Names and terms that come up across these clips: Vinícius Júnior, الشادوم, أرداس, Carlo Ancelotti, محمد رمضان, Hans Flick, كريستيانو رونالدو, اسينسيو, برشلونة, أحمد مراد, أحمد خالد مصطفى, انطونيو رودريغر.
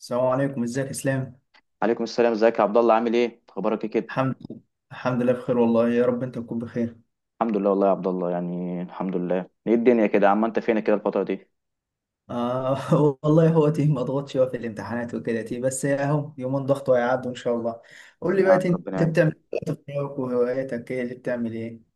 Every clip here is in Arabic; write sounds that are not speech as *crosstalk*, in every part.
السلام عليكم، ازيك يا اسلام؟ عليكم السلام، ازيك يا عبد الله؟ عامل ايه؟ اخبارك ايه كده؟ الحمد لله. الحمد لله بخير، والله يا رب انت تكون بخير. الحمد لله والله يا عبد الله، يعني الحمد لله. ايه الدنيا كده يا عم؟ انت فينك كده الفتره دي؟ آه، *laughs* والله هو تيه ما ضغطش، هو في الامتحانات وكده تيه، بس اهو يومين ضغط وهيعدوا ان شاء الله. قول لي يا بقى، عم انت ربنا يعينك. بتعمل ايه في وقتك؟ وهواياتك ايه اللي بتعمل ايه؟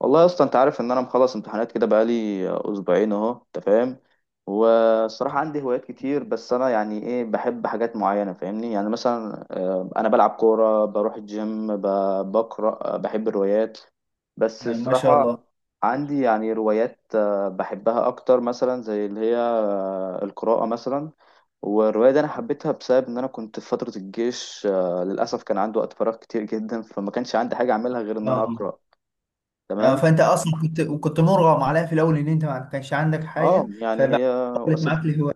والله يا اسطى انت عارف ان انا مخلص امتحانات كده بقالي اسبوعين اهو، انت فاهم. والصراحه عندي هوايات كتير، بس انا يعني ايه، بحب حاجات معينه فاهمني، يعني مثلا انا بلعب كوره، بروح الجيم، بقرا، بحب الروايات. بس نعم، ما شاء الصراحه الله. عندي يعني روايات بحبها اكتر، مثلا زي اللي هي القراءه مثلا. والرواية دي أنا حبيتها بسبب إن أنا كنت في فترة الجيش، للأسف كان عندي وقت فراغ كتير جدا، فما كانش عندي حاجة أعملها غير إن أنا آه. أقرأ. آه، تمام. فانت اصلا كنت مرغم عليها في الاول، ان انت ما كانش عندك أه حاجه يعني هي فبقت وسيلة، معاك الهوايه.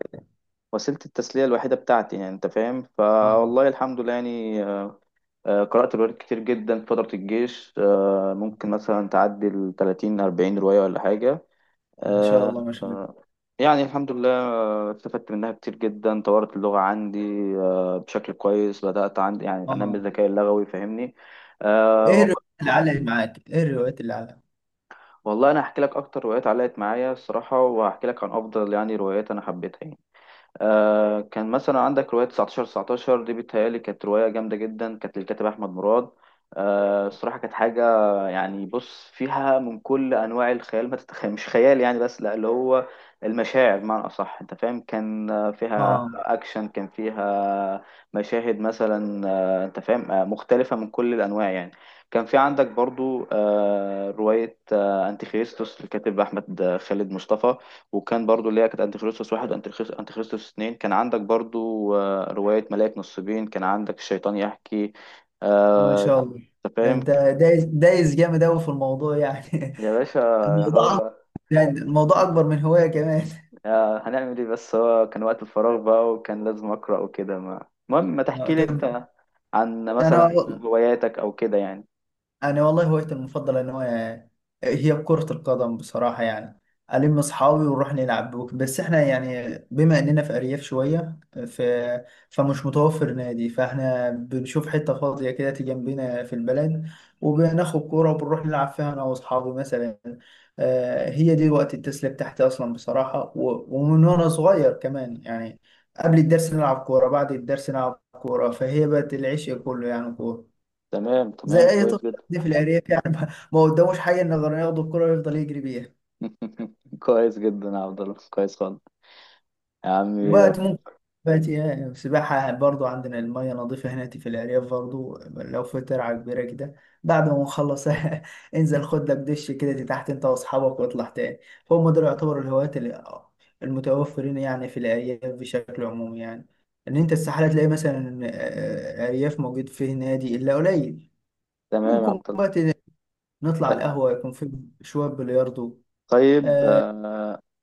وسيلة التسلية الوحيدة بتاعتي يعني، أنت فاهم. اه، فوالله الحمد لله يعني، قرأت روايات كتير جدا في فترة الجيش، ممكن مثلا تعدي ال 30 40 رواية ولا حاجة. ما شاء آه، الله ما شاء الله. يعني الحمد لله، استفدت منها كتير جدا، طورت اللغة عندي بشكل كويس، بدأت عندي يعني اه، أنمي الذكاء اللغوي فاهمني. ايه آه، الروايات اللي علقت معاك؟ ايه الروايات اللي علقت؟ والله انا هحكي لك اكتر روايات علقت معايا الصراحه، وهحكي لك عن افضل يعني روايات انا حبيتها يعني. كان مثلا عندك رواية 19 19 دي، بيتهيألي كانت رواية جامدة جدا، كانت للكاتب أحمد مراد. الصراحة كانت حاجة يعني. بص، فيها من كل أنواع الخيال ما تتخيل، مش خيال يعني بس، لا اللي هو المشاعر بمعنى أصح، أنت فاهم. كان فيها اه، أكشن، كان فيها مشاهد مثلا أنت فاهم، مختلفة من كل الأنواع يعني. كان في عندك برضو رواية أنتيخريستوس للكاتب أحمد خالد مصطفى. وكان برضو اللي هي كانت انتيخريستوس واحد وانتيخريستوس، أنتيخريستوس اتنين. كان عندك برضو رواية ملاك نصيبين، كان عندك الشيطان يحكي. ما آه، شاء الله. انت ده فاهم انت دايس دايس جامد قوي في الموضوع يعني. يا باشا. *laughs* الموضوع أك- هو يعني الموضوع اكبر من هواية كمان. هنعمل ايه بس؟ هو كان وقت الفراغ بقى وكان لازم أقرأ وكده. ما المهم، ما آه، تحكي لي طب انت عن انا مثلا هواياتك او كده يعني. انا والله هوايتي المفضله ان هو هي كره القدم بصراحه يعني. الم اصحابي ونروح نلعب، بس احنا يعني بما اننا في ارياف شويه، ف... فمش متوفر نادي، فاحنا بنشوف حته فاضيه كده تيجي جنبنا في البلد، وبناخد كوره وبنروح نلعب فيها انا واصحابي مثلا. آه، هي دي وقت التسليه بتاعتي اصلا بصراحه، ومن وانا صغير كمان يعني. قبل الدرس نلعب كوره، بعد الدرس نلعب كوره، فهي بقت العشق كله يعني كوره. تمام زي تمام، اي كويس طفل جدا. عندي في العريف يعني. *laughs* ما قداموش حاجه إنه غير ياخد الكره ويفضل يجري بيها. *laughs* كويس جدا يا عبد الله، كويس خالص. يا عمي وقت ربنا. ممكن، وقت يعني سباحه برضو، عندنا الميه نظيفه هنا في العريف برضو، لو في ترعه كبيره كده، بعد ما نخلص *laughs* انزل خد لك دش كده تحت انت واصحابك واطلع تاني. فهم دول يعتبروا الهوايات المتوفرين يعني في الارياف بشكل عمومي يعني. ان انت استحاله تلاقي مثلا آه، ارياف موجود فيه نادي الا قليل. تمام يا ممكن عبد بقى نطلع الله. القهوه يكون في شويه بلياردو. طيب آه،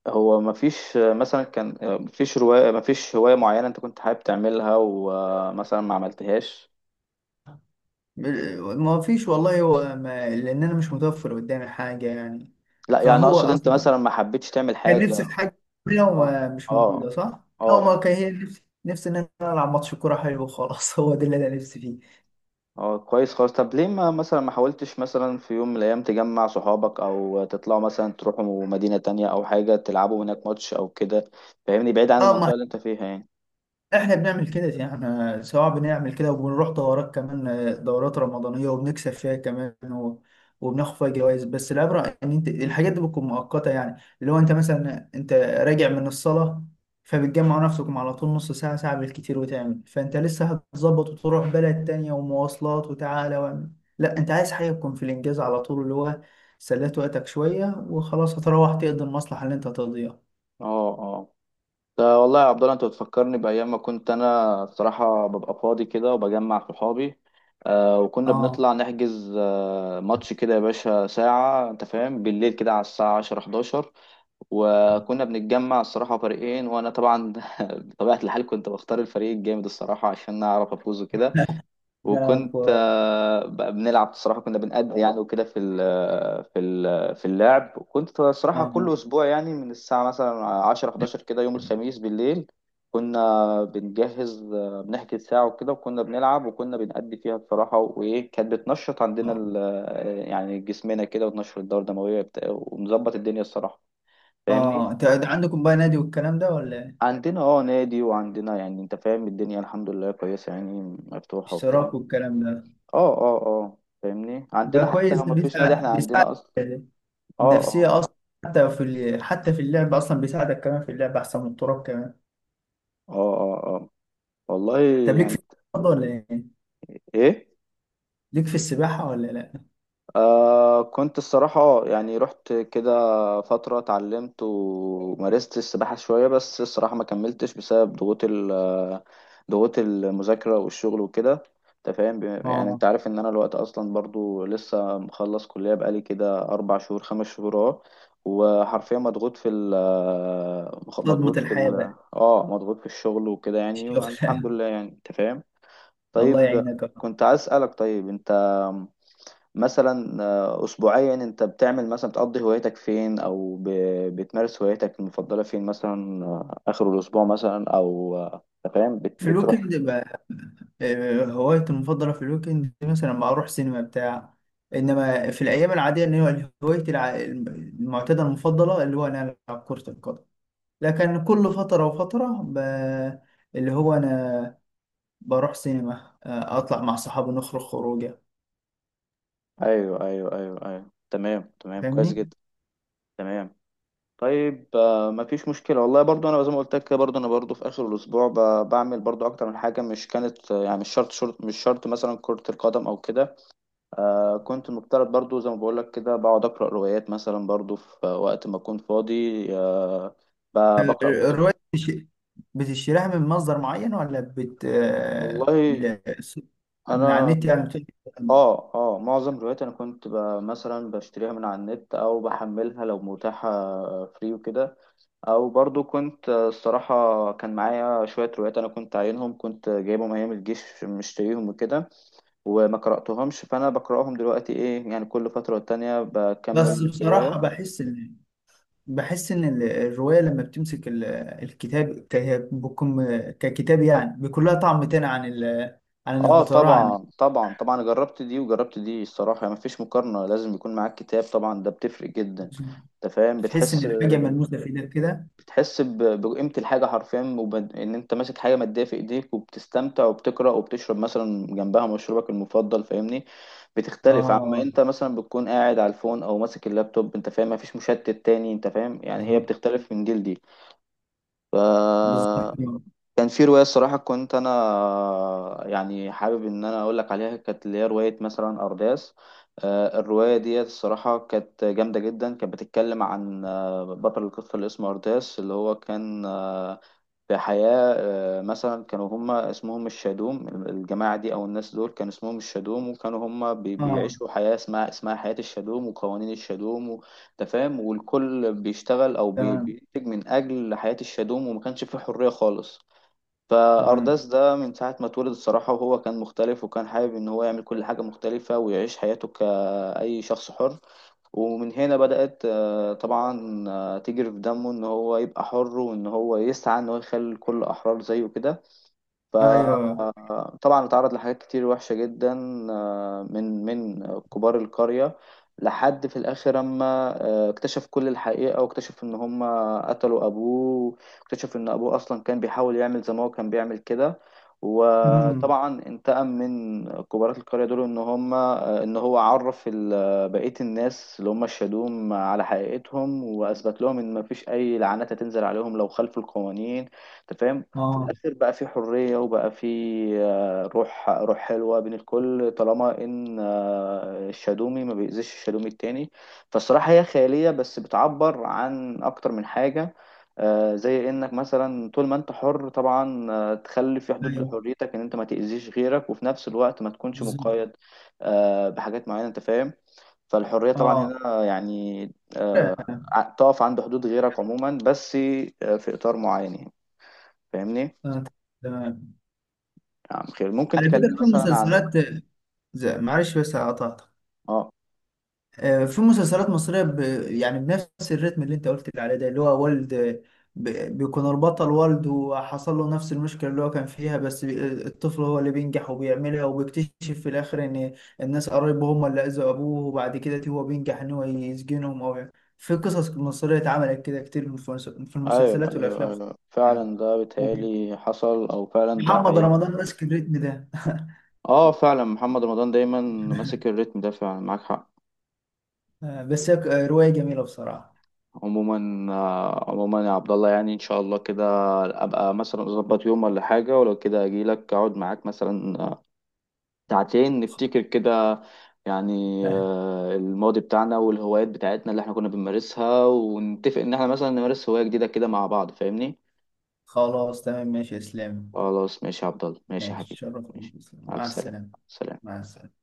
هو مفيش مثلا، كان مفيش رواية، مفيش هواية معينة انت كنت حابب تعملها ومثلا ما عملتهاش؟ ما فيش والله، هو ما لان انا مش متوفر قدامي حاجه يعني. لا يعني فهو اقصد انت اصلا مثلا ما حبيتش تعمل كان حاجة. نفسي في حاجه، لو اه. مش موجوده، اه. صح؟ لو ما اه. كان، هي نفسي، نفسي ان انا العب ماتش كوره حلو وخلاص. *laughs* هو ده اللي انا نفسي فيه. اه كويس خالص. طب ليه ما مثلا، ما حاولتش مثلا في يوم من الايام تجمع صحابك او تطلعوا مثلا تروحوا مدينة تانية او حاجة تلعبوا هناك ماتش او كده؟ فاهمني، بعيد عن اه، ما المنطقة اللي انت فيها يعني. احنا بنعمل كده يعني، احنا سواء بنعمل كده وبنروح دورات كمان، آه، دورات رمضانية وبنكسب فيها كمان، وبناخد فيها جوائز. بس العبرة ان انت الحاجات دي بتكون مؤقتة، يعني اللي هو انت مثلا انت راجع من الصلاة، فبتجمع نفسكم على طول نص ساعة ساعة بالكتير وتعمل، فانت لسه هتظبط وتروح بلد تانية ومواصلات وتعالى واعمل. لا، انت عايز حاجة تكون في الانجاز على طول، اللي هو سليت وقتك شوية وخلاص هتروح تقضي المصلحة اللي انت هتقضيها. اه. آه. ده والله يا عبد الله انت بتفكرني بايام ما كنت انا بصراحه ببقى فاضي كده وبجمع صحابي. آه، وكنا اه، بنطلع نحجز آه ماتش كده يا باشا ساعه، انت فاهم، بالليل كده على الساعه 10 11، وكنا بنتجمع الصراحه فريقين، وانا طبعا *laughs* بطبيعه الحال كنت بختار الفريق الجامد الصراحه عشان اعرف افوز وكده. نلعب وكنت كورة. بقى بنلعب الصراحه، كنا بنأدي يعني وكده في ال آه، في ال آه، في اللعب. وكنت الصراحه اه. كل اسبوع يعني من الساعه مثلا 10 11 كده يوم الخميس بالليل كنا بنجهز، بنحجز ساعه وكده، وكنا بنلعب وكنا بنأدي فيها بصراحه. وايه، كانت بتنشط عندنا آه. يعني جسمنا كده، وتنشط الدوره الدمويه ومظبط الدنيا الصراحه، فاهمني. اه، انت أنت عندكم بقى نادي والكلام ده ولا إيه؟ عندنا اه نادي، وعندنا يعني انت فاهم الدنيا الحمد لله كويسه يعني، مفتوحه وبتاع. اشتراك والكلام ده؟ اه اه اه فاهمني، ده عندنا حتى كويس، لو ده ما فيش نادي احنا بيساعد عندنا اصلا. اه. اه. النفسية اصلا. حتى في اللعب اصلا بيساعدك، كمان في اللعب احسن من التراب كمان. اه. اه. اه. والله طب ليك في يعني الرياضة ولا ايه؟ ايه. ليك في السباحة ولا لا؟ آه كنت الصراحة يعني رحت كده فترة، اتعلمت ومارست السباحة شوية، بس الصراحة ما كملتش بسبب ضغوط ال آه، ضغوط المذاكرة والشغل وكده. انت فاهم، يعني اه، انت عارف ان انا الوقت اصلا برضو لسه مخلص كلية بقالي كده اربع شهور، خمس شهور. اه. وحرفيا مضغوط في ال صدمة مضغوط في الحياة ال بقى، اه مضغوط في الشغل وكده يعني، الشغل. والحمد لله يعني انت فاهم. *laughs* الله طيب يعينك يا رب. كنت عايز اسألك. طيب انت مثلا اسبوعيا انت بتعمل مثلا، بتقضي هوايتك فين، او بتمارس هوايتك المفضله فين مثلا؟ اخر الاسبوع مثلا، او أنت فاهم في بتروح. الويكند بقى. آه، هوايتي المفضلة في الويكند مثلا ما اروح سينما بتاع. انما في الايام العادية ان هو هوايتي المعتادة المفضلة اللي هو انا العب كرة القدم. لكن كل فترة وفترة اللي هو أنا بروح سينما، آه، أطلع مع صحابي نخرج خروجة. ايوه ايوه ايوه ايوه، تمام تمام كويس فاهمني؟ جدا. تمام. طيب مفيش مشكله، والله برضو انا زي ما قلت لك كده، برضو انا برضو في اخر الاسبوع بعمل برضو اكتر من حاجه، مش كانت يعني مش شرط مثلا كره القدم او كده. آه كنت مفترض برضو زي ما بقولك كده بقعد أقرأ روايات مثلا، برضو في وقت ما أكون فاضي آه ب- بقرأ كتب. الرواية بتش... بتشتريها من مصدر معين ولا والله من على أنا النت يعني آه آه معظم روايات أنا كنت مثلا بشتريها من على النت أو بحملها لو متاحة فري وكده. أو برضو كنت الصراحة كان معايا شوية روايات أنا كنت عاينهم، كنت جايبهم أيام الجيش مشتريهم وكده، وما قرأتهمش فأنا بقرأهم دلوقتي إيه يعني، كل فترة والتانية بس بكمل في بصراحة رواية. بحس إن الرواية لما بتمسك الكتاب بكم... ككتاب يعني بيكون لها طعم تاني عن عن إنك اه بتقراه، عن طبعا، طبعا طبعا جربت دي وجربت دي الصراحة يعني، مفيش مقارنة، لازم يكون معاك كتاب طبعا، ده بتفرق جدا، انت فاهم. تحس إن بتحس الحاجة ملموسة في إيدك كده. بتحس بقيمة الحاجة حرفيا، وب- ان انت ماسك حاجة مادية في ايديك وبتستمتع وبتقرأ وبتشرب مثلا جنبها مشروبك المفضل، فاهمني. بتختلف عما آه، انت مثلا بتكون قاعد على الفون او ماسك اللابتوب، انت فاهم مفيش مشتت تاني. انت فاهم يعني، هي بالظبط. بتختلف من جيل دي. ف بالظبط. كان في رواية الصراحة كنت أنا يعني حابب إن أنا أقول لك عليها، كانت اللي هي رواية مثلا أرداس. الرواية دي الصراحة كانت جامدة جدا، كانت بتتكلم عن بطل القصة اللي اسمه أرداس اللي هو كان في حياة مثلا كانوا هما اسمهم الشادوم، الجماعة دي أو الناس دول كان اسمهم الشادوم، وكانوا هما اه، بيعيشوا حياة اسمها حياة الشادوم وقوانين الشادوم و أنت فاهم. والكل بيشتغل أو تمام. بينتج من أجل حياة الشادوم، وما كانش فيه حرية خالص. تمام. فأرداس ده من ساعة ما اتولد الصراحة وهو كان مختلف، وكان حابب إن هو يعمل كل حاجة مختلفة ويعيش حياته كأي شخص حر. ومن هنا بدأت طبعا تجري في دمه إن هو يبقى حر، وإن هو يسعى إن هو يخلي الكل أحرار زيه كده. ايوه. طبعا اتعرض لحاجات كتير وحشة جدا، من كبار القرية، لحد في الآخر أما اكتشف كل الحقيقة واكتشف إن هم قتلوا أبوه، واكتشف إن أبوه أصلا كان بيحاول يعمل زي ما هو كان بيعمل كده. أمم. وطبعا انتقم من كبارات القرية دول. إن هم إن هو عرف بقية الناس اللي هم الشادوم على حقيقتهم، وأثبت لهم إن مفيش أي لعنات هتنزل عليهم لو خالفوا القوانين، أنت فاهم؟ في اه. الآخر بقى في حرية، وبقى في روح حلوة بين الكل طالما إن الشادومي ما بيأذيش الشادومي التاني. فالصراحة هي خيالية بس بتعبر عن أكتر من حاجة، زي إنك مثلا طول ما أنت حر طبعا تخلي في حدود ايوه. لحريتك إن أنت ما تأذيش غيرك، وفي نفس الوقت ما تكونش بالظبط. مقيد بحاجات معينة، أنت فاهم. فالحرية طبعا اه. هنا يعني آه، تقف عند حدود غيرك عموما، بس في إطار معين يعني، فاهمني؟ آه، تمام. نعم خير، ممكن على تكلمني فكرة في مثلا عن. مسلسلات معلش بس قطعتك. اه آه، في مسلسلات مصرية، يعني بنفس الريتم اللي انت قلت لي عليه ده، اللي هو والد، ب... بيكون البطل والد وحصل له نفس المشكلة اللي هو كان فيها، بس الطفل هو اللي بينجح وبيعملها وبيكتشف في الآخر إن الناس قرايبه هم اللي أذوا أبوه، وبعد كده هو بينجح إن هو يسجنهم أو يعني. في قصص مصرية اتعملت كده كتير في في ايوه المسلسلات ايوه والأفلام ايوه، يعني. فعلا ده بيتهيألي حصل او فعلا ده محمد حقيقي. رمضان ماسك الريتم ده. *laughs* اه فعلا محمد رمضان دايما ماسك الريتم ده، فعلا معاك حق. آه، بس هي رواية جميلة بصراحة. عموما عموما يا عبد الله يعني ان شاء الله كده ابقى مثلا اظبط يوم ولا حاجه، ولو كده اجي لك اقعد معاك مثلا ساعتين نفتكر كده يعني *laughs* الماضي بتاعنا والهوايات بتاعتنا اللي احنا كنا بنمارسها، ونتفق ان احنا مثلا نمارس هوايه جديده كده مع بعض، فاهمني. خلاص تمام، ماشي يا اسلام. خلاص ماشي يا عبد الله، ماشي يا ماشي حبيبي. شرف. ماشي. مع مع السلامه. السلامة. سلام. مع السلامة.